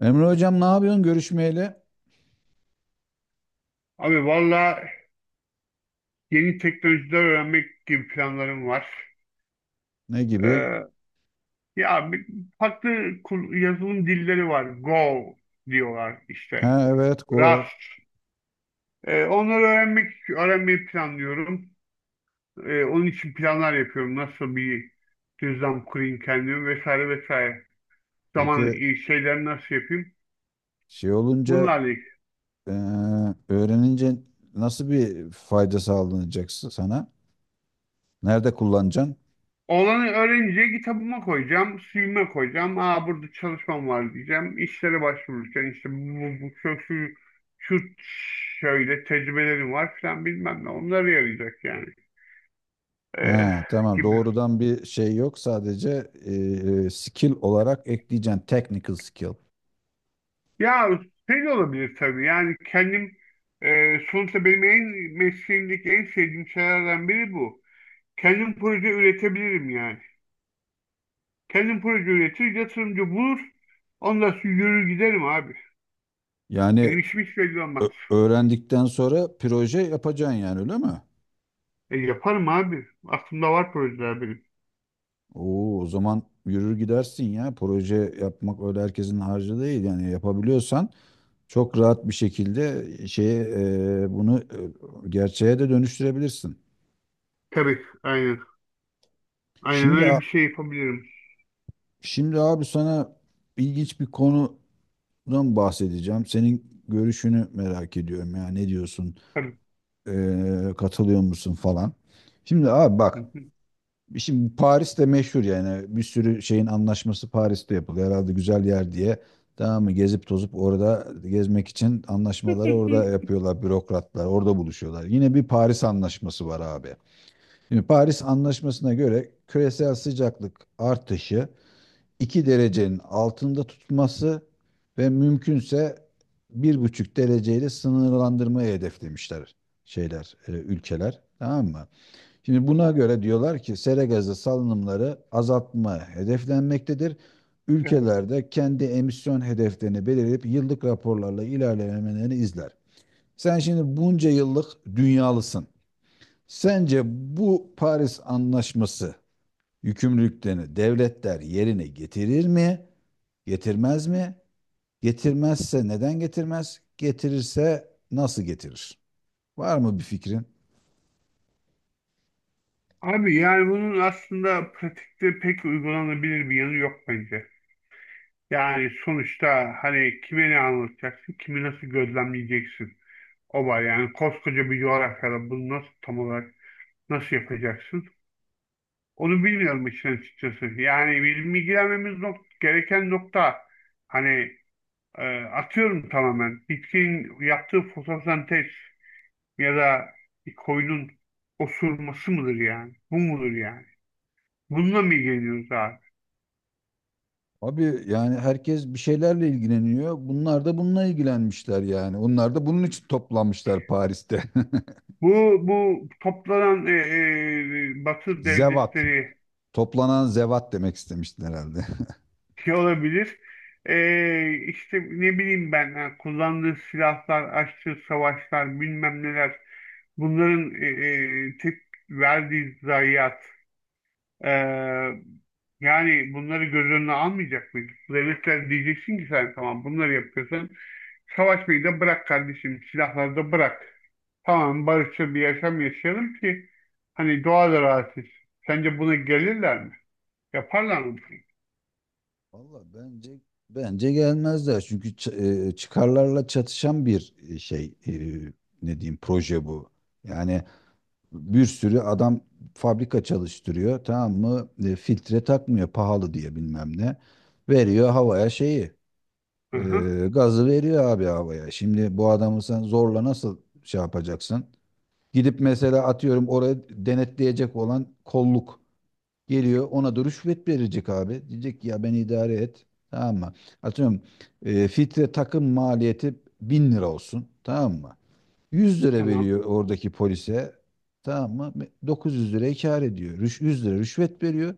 Emre hocam ne yapıyorsun görüşmeyeli? Abi valla yeni teknolojiler öğrenmek gibi planlarım var. Ne Ee, gibi? ya bir- farklı yazılım dilleri var. Go diyorlar işte. Ha evet go. Rust. Onları öğrenmeyi planlıyorum. Onun için planlar yapıyorum. Nasıl bir düzlem kurayım kendimi vesaire vesaire. Zaman Peki şeyleri nasıl yapayım? şey olunca Bunlarla eee, öğrenince nasıl bir fayda sağlanacak sana? Nerede kullanacaksın? Olanı öğrenince kitabıma koyacağım, CV'me koyacağım. Aa, burada çalışmam var diyeceğim. İşlere başvururken işte bu şu şöyle tecrübelerim var falan bilmem ne. Onlara yarayacak yani. Ee, Ha, tamam gibi. doğrudan bir şey yok sadece skill olarak ekleyeceksin technical skill. Ya şey de olabilir tabii. Yani kendim sonuçta benim en mesleğimdeki en sevdiğim şeylerden biri bu. Kendim proje üretebilirim yani. Kendim proje üretir, yatırımcı bulur. Ondan sonra yürür giderim abi. Benim Yani işim hiç belli olmaz. ö- öğrendikten sonra proje yapacaksın yani öyle mi? Yaparım abi. Aklımda var projeler benim. Oo, o zaman yürür gidersin ya proje yapmak öyle herkesin harcı değil yani yapabiliyorsan çok rahat bir şekilde e, şeye e, bunu e, gerçeğe de dönüştürebilirsin. Tabii, aynen. Aynen Şimdi öyle bir şey yapabilirim. Abi sana ilginç bir konudan bahsedeceğim. Senin görüşünü merak ediyorum ya ne diyorsun? Tabii. E, katılıyor musun falan. Şimdi abi Hı bak hı. şimdi Paris'te meşhur yani bir sürü şeyin anlaşması Paris'te yapılıyor. Herhalde güzel yer diye. Tamam mı? Gezip tozup orada gezmek için anlaşmaları orada yapıyorlar bürokratlar. Orada buluşuyorlar. Yine bir Paris anlaşması var abi. Şimdi Paris Anlaşması'na göre küresel sıcaklık artışı 2 derecenin altında tutması ve mümkünse 1,5 dereceyle sınırlandırmayı hedeflemişler ülkeler. Tamam mı? Şimdi buna göre diyorlar ki sera gazı salınımları azaltma hedeflenmektedir. Evet. Ülkelerde kendi emisyon hedeflerini belirleyip yıllık raporlarla ilerlemelerini izler. Sen şimdi bunca yıllık dünyalısın. Sence bu Paris Anlaşması yükümlülüklerini devletler yerine getirir mi? Getirmez mi? Getirmezse neden getirmez? Getirirse nasıl getirir? Var mı bir fikrin? Abi yani bunun aslında pratikte pek uygulanabilir bir yanı yok bence. Yani sonuçta hani kime ne anlatacaksın, kimi nasıl gözlemleyeceksin? O var yani koskoca bir coğrafyada bunu nasıl tam olarak nasıl yapacaksın? Onu bilmiyorum işin açıkçası. Yani bizim ilgilenmemiz gereken nokta hani atıyorum tamamen. Bitkin yaptığı fotosentez ya da bir koyunun osurması mıdır yani? Bu mudur yani? Bununla mı ilgileniyoruz abi? Abi yani herkes bir şeylerle ilgileniyor. Bunlar da bununla ilgilenmişler yani. Onlar da bunun için toplanmışlar Paris'te. Bu toplanan Batı Zevat. devletleri Toplanan zevat demek istemiştin herhalde. şey olabilir. E, işte ne bileyim ben ha, kullandığı silahlar, açtığı savaşlar bilmem neler bunların tek verdiği zayiat. Ee, yani bunları göz önüne almayacak mıyız? Devletler diyeceksin ki sen tamam bunları yapıyorsan savaşmayı da bırak kardeşim, silahları da bırak. Tamam, barışçıl bir yaşam yaşayalım ki hani doğa da rahat etsin. Sence buna gelirler mi? Yaparlar mı? Valla bence gelmezler. Çünkü çıkarlarla çatışan bir şey ne diyeyim proje bu. Yani bir sürü adam fabrika çalıştırıyor tamam mı? E, filtre takmıyor pahalı diye bilmem ne. Veriyor havaya Bunu? Hı hı, gazı veriyor abi havaya. Şimdi bu adamı sen zorla nasıl şey yapacaksın? Gidip mesela atıyorum oraya denetleyecek olan kolluk. Geliyor ona da rüşvet verecek abi. Diyecek ki ya ben idare et. Tamam mı? Atıyorum filtre takım maliyeti 1.000 lira olsun. Tamam mı? 100 lira tamam. veriyor oradaki polise. Tamam mı? 900 liraya kâr ediyor. 100 lira rüşvet veriyor.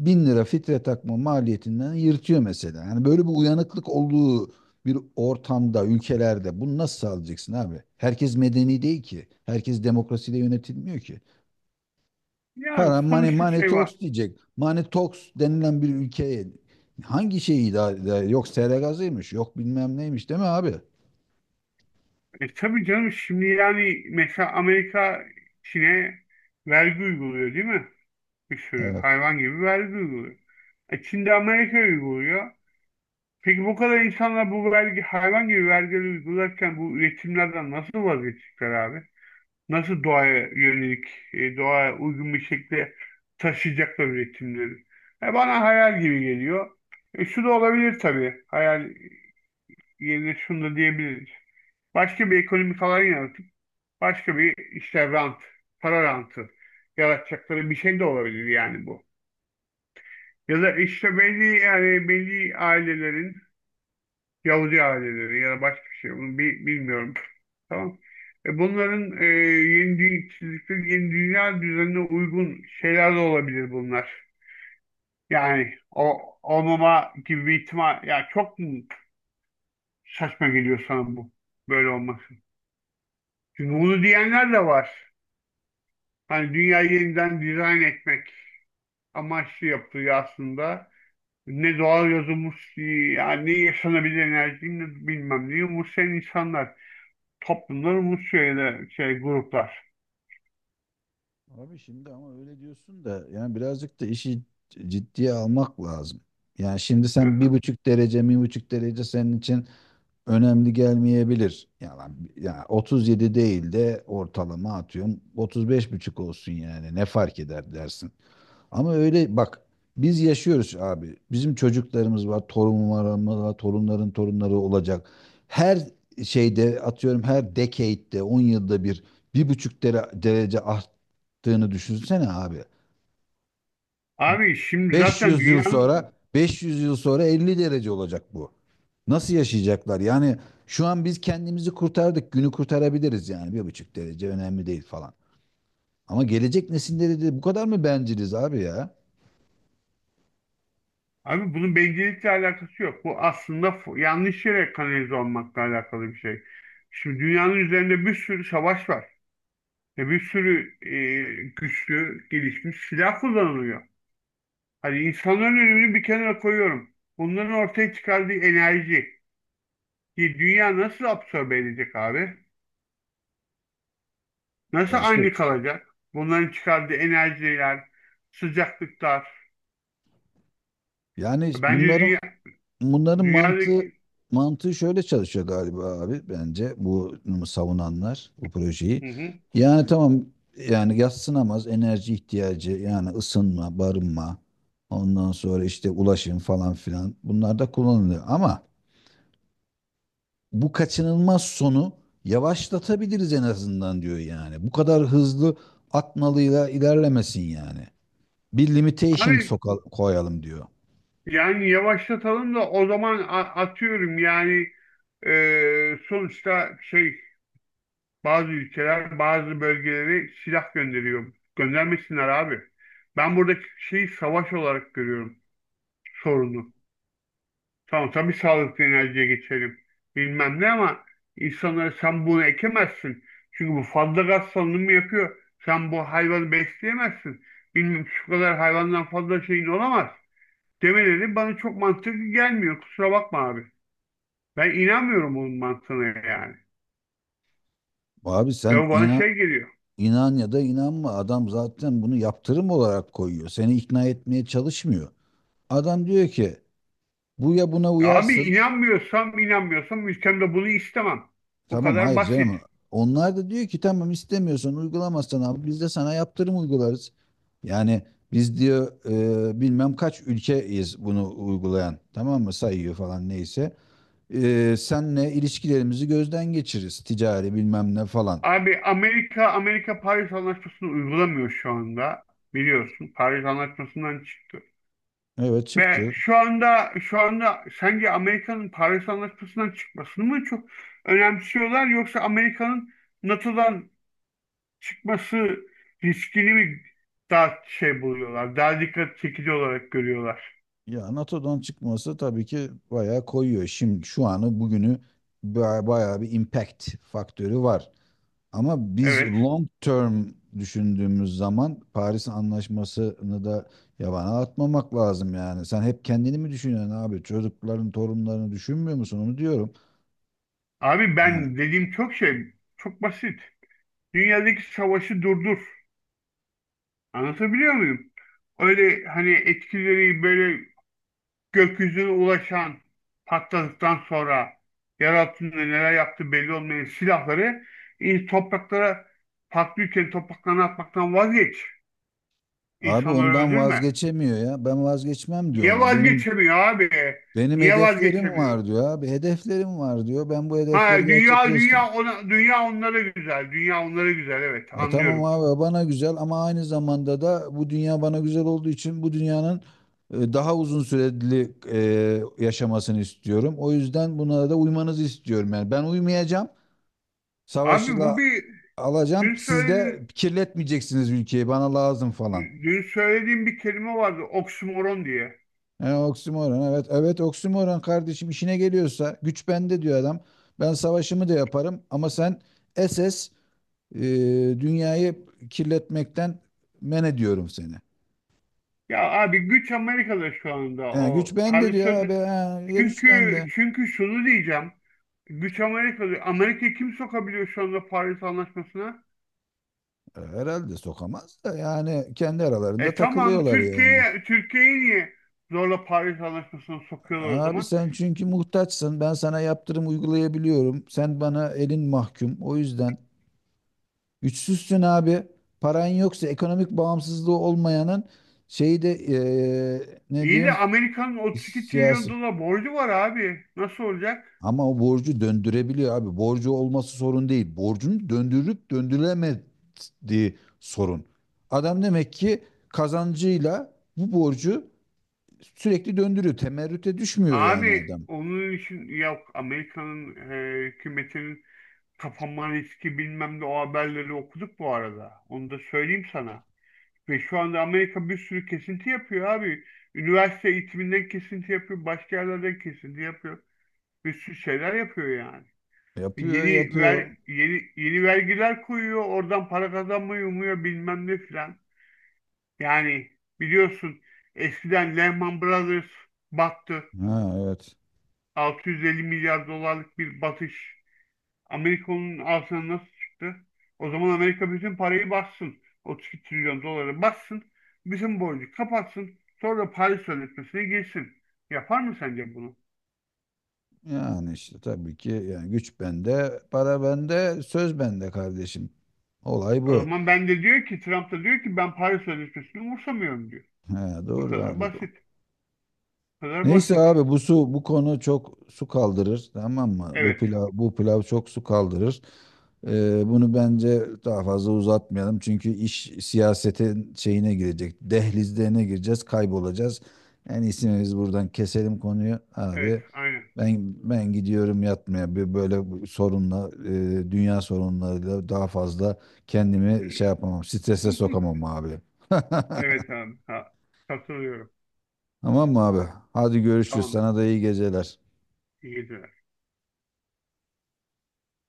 1.000 lira filtre takma maliyetinden yırtıyor mesela. Yani böyle bir uyanıklık olduğu bir ortamda, ülkelerde bunu nasıl sağlayacaksın abi? Herkes medeni değil ki. Herkes demokrasiyle yönetilmiyor ki. Yani Para, money, sonuçta money şey var. talks diyecek. Money talks denilen bir ülkeye hangi şeyi idare eder? Yok sera gazıymış, yok bilmem neymiş değil mi abi? E tabii canım, şimdi yani mesela Çin'e vergi uyguluyor değil mi? Bir sürü Evet. hayvan gibi vergi uyguluyor. E, Çin de Amerika uyguluyor. Peki bu kadar insanlar bu hayvan gibi vergileri uygularken bu üretimlerden nasıl vazgeçecekler abi? Nasıl doğaya yönelik, doğaya uygun bir şekilde taşıyacaklar üretimleri? Bana hayal gibi geliyor. Şu da olabilir tabii. Hayal yerine şunu da diyebiliriz. Başka bir ekonomik alan yaratıp başka bir işte rant, para rantı yaratacakları bir şey de olabilir yani bu. Ya da işte belli yani belli ailelerin Yahudi aileleri ya da başka bir şey bunu bilmiyorum. Tamam. E, bunların yeni çizdikleri yeni dünya düzenine uygun şeyler de olabilir bunlar. Yani o olmama gibi bir ihtimal. Ya çok mu saçma geliyor sana bu böyle olması? Çünkü bunu diyenler de var. Hani dünyayı yeniden dizayn etmek amaçlı yapılıyor aslında. Ne doğal yazılmış yani ne yaşanabilir enerji ne bilmem ne umursayan insanlar. Toplumların bu şeyde şey gruplar. Abi şimdi ama öyle diyorsun da yani birazcık da işi ciddiye almak lazım. Yani şimdi Hı sen bir hı. buçuk derece, 1,5 derece senin için önemli gelmeyebilir. Yani, 37 değil de ortalama atıyorum 35 buçuk olsun yani ne fark eder dersin. Ama öyle bak biz yaşıyoruz abi. Bizim çocuklarımız var, torunlarımız var, torunların torunları olacak. Her şeyde atıyorum her decade'de 10 yılda bir 1,5 derece arttığını düşünsene abi. Abi şimdi Beş zaten yüz yıl sonra dünyanın 500 yıl sonra 50 derece olacak bu. Nasıl yaşayacaklar? Yani şu an biz kendimizi kurtardık. Günü kurtarabiliriz yani. 1,5 derece önemli değil falan. Ama gelecek nesilleri de bu kadar mı benciliz abi ya? Abi bunun bencillikle alakası yok. Bu aslında yanlış yere kanalize olmakla alakalı bir şey. Şimdi dünyanın üzerinde bir sürü savaş var. Ve bir sürü güçlü, gelişmiş silah kullanılıyor. Hani insanların önemini bir kenara koyuyorum. Bunların ortaya çıkardığı enerji ki dünya nasıl absorbe edecek abi? Nasıl Ya işte aynı kalacak? Bunların çıkardığı enerjiler, sıcaklıklar, yani bence bunların Bunların dünyadaki mantığı şöyle çalışıyor galiba abi bence bu savunanlar bu projeyi. hı hı. Yani tamam yani yadsınamaz enerji ihtiyacı yani ısınma, barınma, ondan sonra işte ulaşım falan filan bunlar da kullanılıyor. Ama bu kaçınılmaz sonu yavaşlatabiliriz en azından diyor yani. Bu kadar hızlı atmalıyla ilerlemesin yani. Bir limitation Abi soka koyalım diyor. yani yavaşlatalım da o zaman atıyorum yani, sonuçta şey, bazı ülkeler bazı bölgelere silah gönderiyor. Göndermesinler abi. Ben buradaki şeyi savaş olarak görüyorum sorunu. Tamam tabii sağlıklı enerjiye geçelim. Bilmem ne ama insanlara sen bunu ekemezsin. Çünkü bu fazla gaz salınımı yapıyor. Sen bu hayvanı besleyemezsin. Bilmem şu kadar hayvandan fazla şeyin olamaz. Demeleri bana çok mantıklı gelmiyor. Kusura bakma abi. Ben inanmıyorum bunun mantığına yani. Abi Ve sen o bana inan şey geliyor. İnan ya da inanma adam zaten bunu yaptırım olarak koyuyor. Seni ikna etmeye çalışmıyor. Adam diyor ki bu ya buna Abi uyarsın. İnanmıyorsam ülkemde bunu istemem. Bu Tamam kadar hayır basit. canım. Onlar da diyor ki tamam istemiyorsan uygulamazsan abi biz de sana yaptırım uygularız. Yani biz diyor bilmem kaç ülkeyiz bunu uygulayan. Tamam mı sayıyor falan neyse. E, senle ilişkilerimizi gözden geçiririz ticari bilmem ne falan. Abi Amerika Paris Anlaşması'nı uygulamıyor şu anda. Biliyorsun Paris Anlaşması'ndan çıktı. Evet Ve çıktı. Şu anda sence Amerika'nın Paris Anlaşması'ndan çıkmasını mı çok önemsiyorlar, yoksa Amerika'nın NATO'dan çıkması riskini mi daha şey buluyorlar, daha dikkat çekici olarak görüyorlar? Ya NATO'dan çıkması tabii ki bayağı koyuyor. Şimdi şu anı bugünü bayağı bir impact faktörü var. Ama biz Evet. long term düşündüğümüz zaman Paris Anlaşması'nı da yabana atmamak lazım yani. Sen hep kendini mi düşünüyorsun abi? Çocukların, torunlarını düşünmüyor musun? Onu diyorum. Abi Yani ben çok şey, çok basit. Dünyadaki savaşı durdur. Anlatabiliyor muyum? Öyle hani etkileri böyle gökyüzüne ulaşan, patladıktan sonra yer altında neler yaptığı belli olmayan silahları, topraklara patlıyorken topraklarına atmaktan vazgeç. abi İnsanları ondan öldürme. vazgeçemiyor ya. Ben vazgeçmem diyor Niye ona. Benim vazgeçemiyor abi? benim Niye hedeflerim var vazgeçemiyor? diyor abi. Hedeflerim var diyor. Ben bu hedefleri Ha gerçekleştir. Dünya onlara güzel. Dünya onlara güzel, evet, Ya tamam anlıyorum. abi bana güzel ama aynı zamanda da bu dünya bana güzel olduğu için bu dünyanın daha uzun süreli yaşamasını istiyorum. O yüzden buna da uymanızı istiyorum. Yani ben uymayacağım. Abi bu Savaşla bir alacağım. dün Siz de söylediğin kirletmeyeceksiniz ülkeyi. Bana lazım falan. dün söylediğim bir kelime vardı, oksimoron diye. E, oksimoron evet. Evet oksimoron kardeşim işine geliyorsa güç bende diyor adam. Ben savaşımı da yaparım ama sen SS e, dünyayı kirletmekten men ediyorum seni. Ya abi güç Amerika'da şu anda He, güç o bende diyor parasol. abi. He, ya güç Çünkü bende. Şunu diyeceğim. Güç Amerika'da. Amerika kim sokabiliyor şu anda Paris Anlaşması'na? E, herhalde sokamaz da yani kendi aralarında E tamam takılıyorlar yani. Türkiye'yi niye zorla Paris Anlaşması'na sokuyorlar o Abi zaman? sen çünkü muhtaçsın. Ben sana yaptırım uygulayabiliyorum. Sen bana elin mahkum. O yüzden güçsüzsün abi. Paran yoksa ekonomik bağımsızlığı olmayanın şeyi de ne İyi de diyeyim Amerika'nın 32 trilyon siyasi. dolar borcu var abi. Nasıl olacak? Ama o borcu döndürebiliyor abi. Borcu olması sorun değil. Borcun döndürüp döndürülemediği sorun. Adam demek ki kazancıyla bu borcu sürekli döndürüyor. Temerrüte düşmüyor yani Abi adam. onun için yok Amerika'nın hükümetinin kapanma riski bilmem ne, o haberleri okuduk bu arada. Onu da söyleyeyim sana. Ve şu anda Amerika bir sürü kesinti yapıyor abi. Üniversite eğitiminden kesinti yapıyor, başka yerlerden kesinti yapıyor. Bir sürü şeyler yapıyor yani. Yapıyor, yapıyor. Yeni vergiler koyuyor, oradan para kazanmayı umuyor bilmem ne filan. Yani biliyorsun eskiden Lehman Brothers battı. Ha evet. 650 milyar dolarlık bir batış. Amerika'nın altına nasıl çıktı? O zaman Amerika bütün parayı bassın. 32 trilyon doları bassın. Bizim borcu kapatsın. Sonra da Paris Sözleşmesi'ne girsin. Yapar mı sence bunu? Yani işte tabii ki yani güç bende, para bende, söz bende kardeşim. Olay O bu. zaman ben de diyor ki Trump da diyor ki ben Paris Sözleşmesi'ni umursamıyorum diyor. He, Bu doğru kadar abi. basit. Bu kadar Neyse basit. abi bu konu çok su kaldırır tamam mı? Bu Evet. pilav bu pilav çok su kaldırır. Bunu bence daha fazla uzatmayalım çünkü iş siyasetin şeyine girecek. Dehlizlerine gireceğiz, kaybolacağız. En iyisi biz buradan keselim konuyu Evet. abi. Aynen. Ben gidiyorum yatmaya. Bir böyle bu sorunla dünya sorunlarıyla daha fazla kendimi şey yapamam. Strese sokamam abi. Evet abi. Ha, katılıyorum. Tamam mı abi? Hadi görüşürüz. Tamamdır. Sana da iyi geceler. İyi geceler.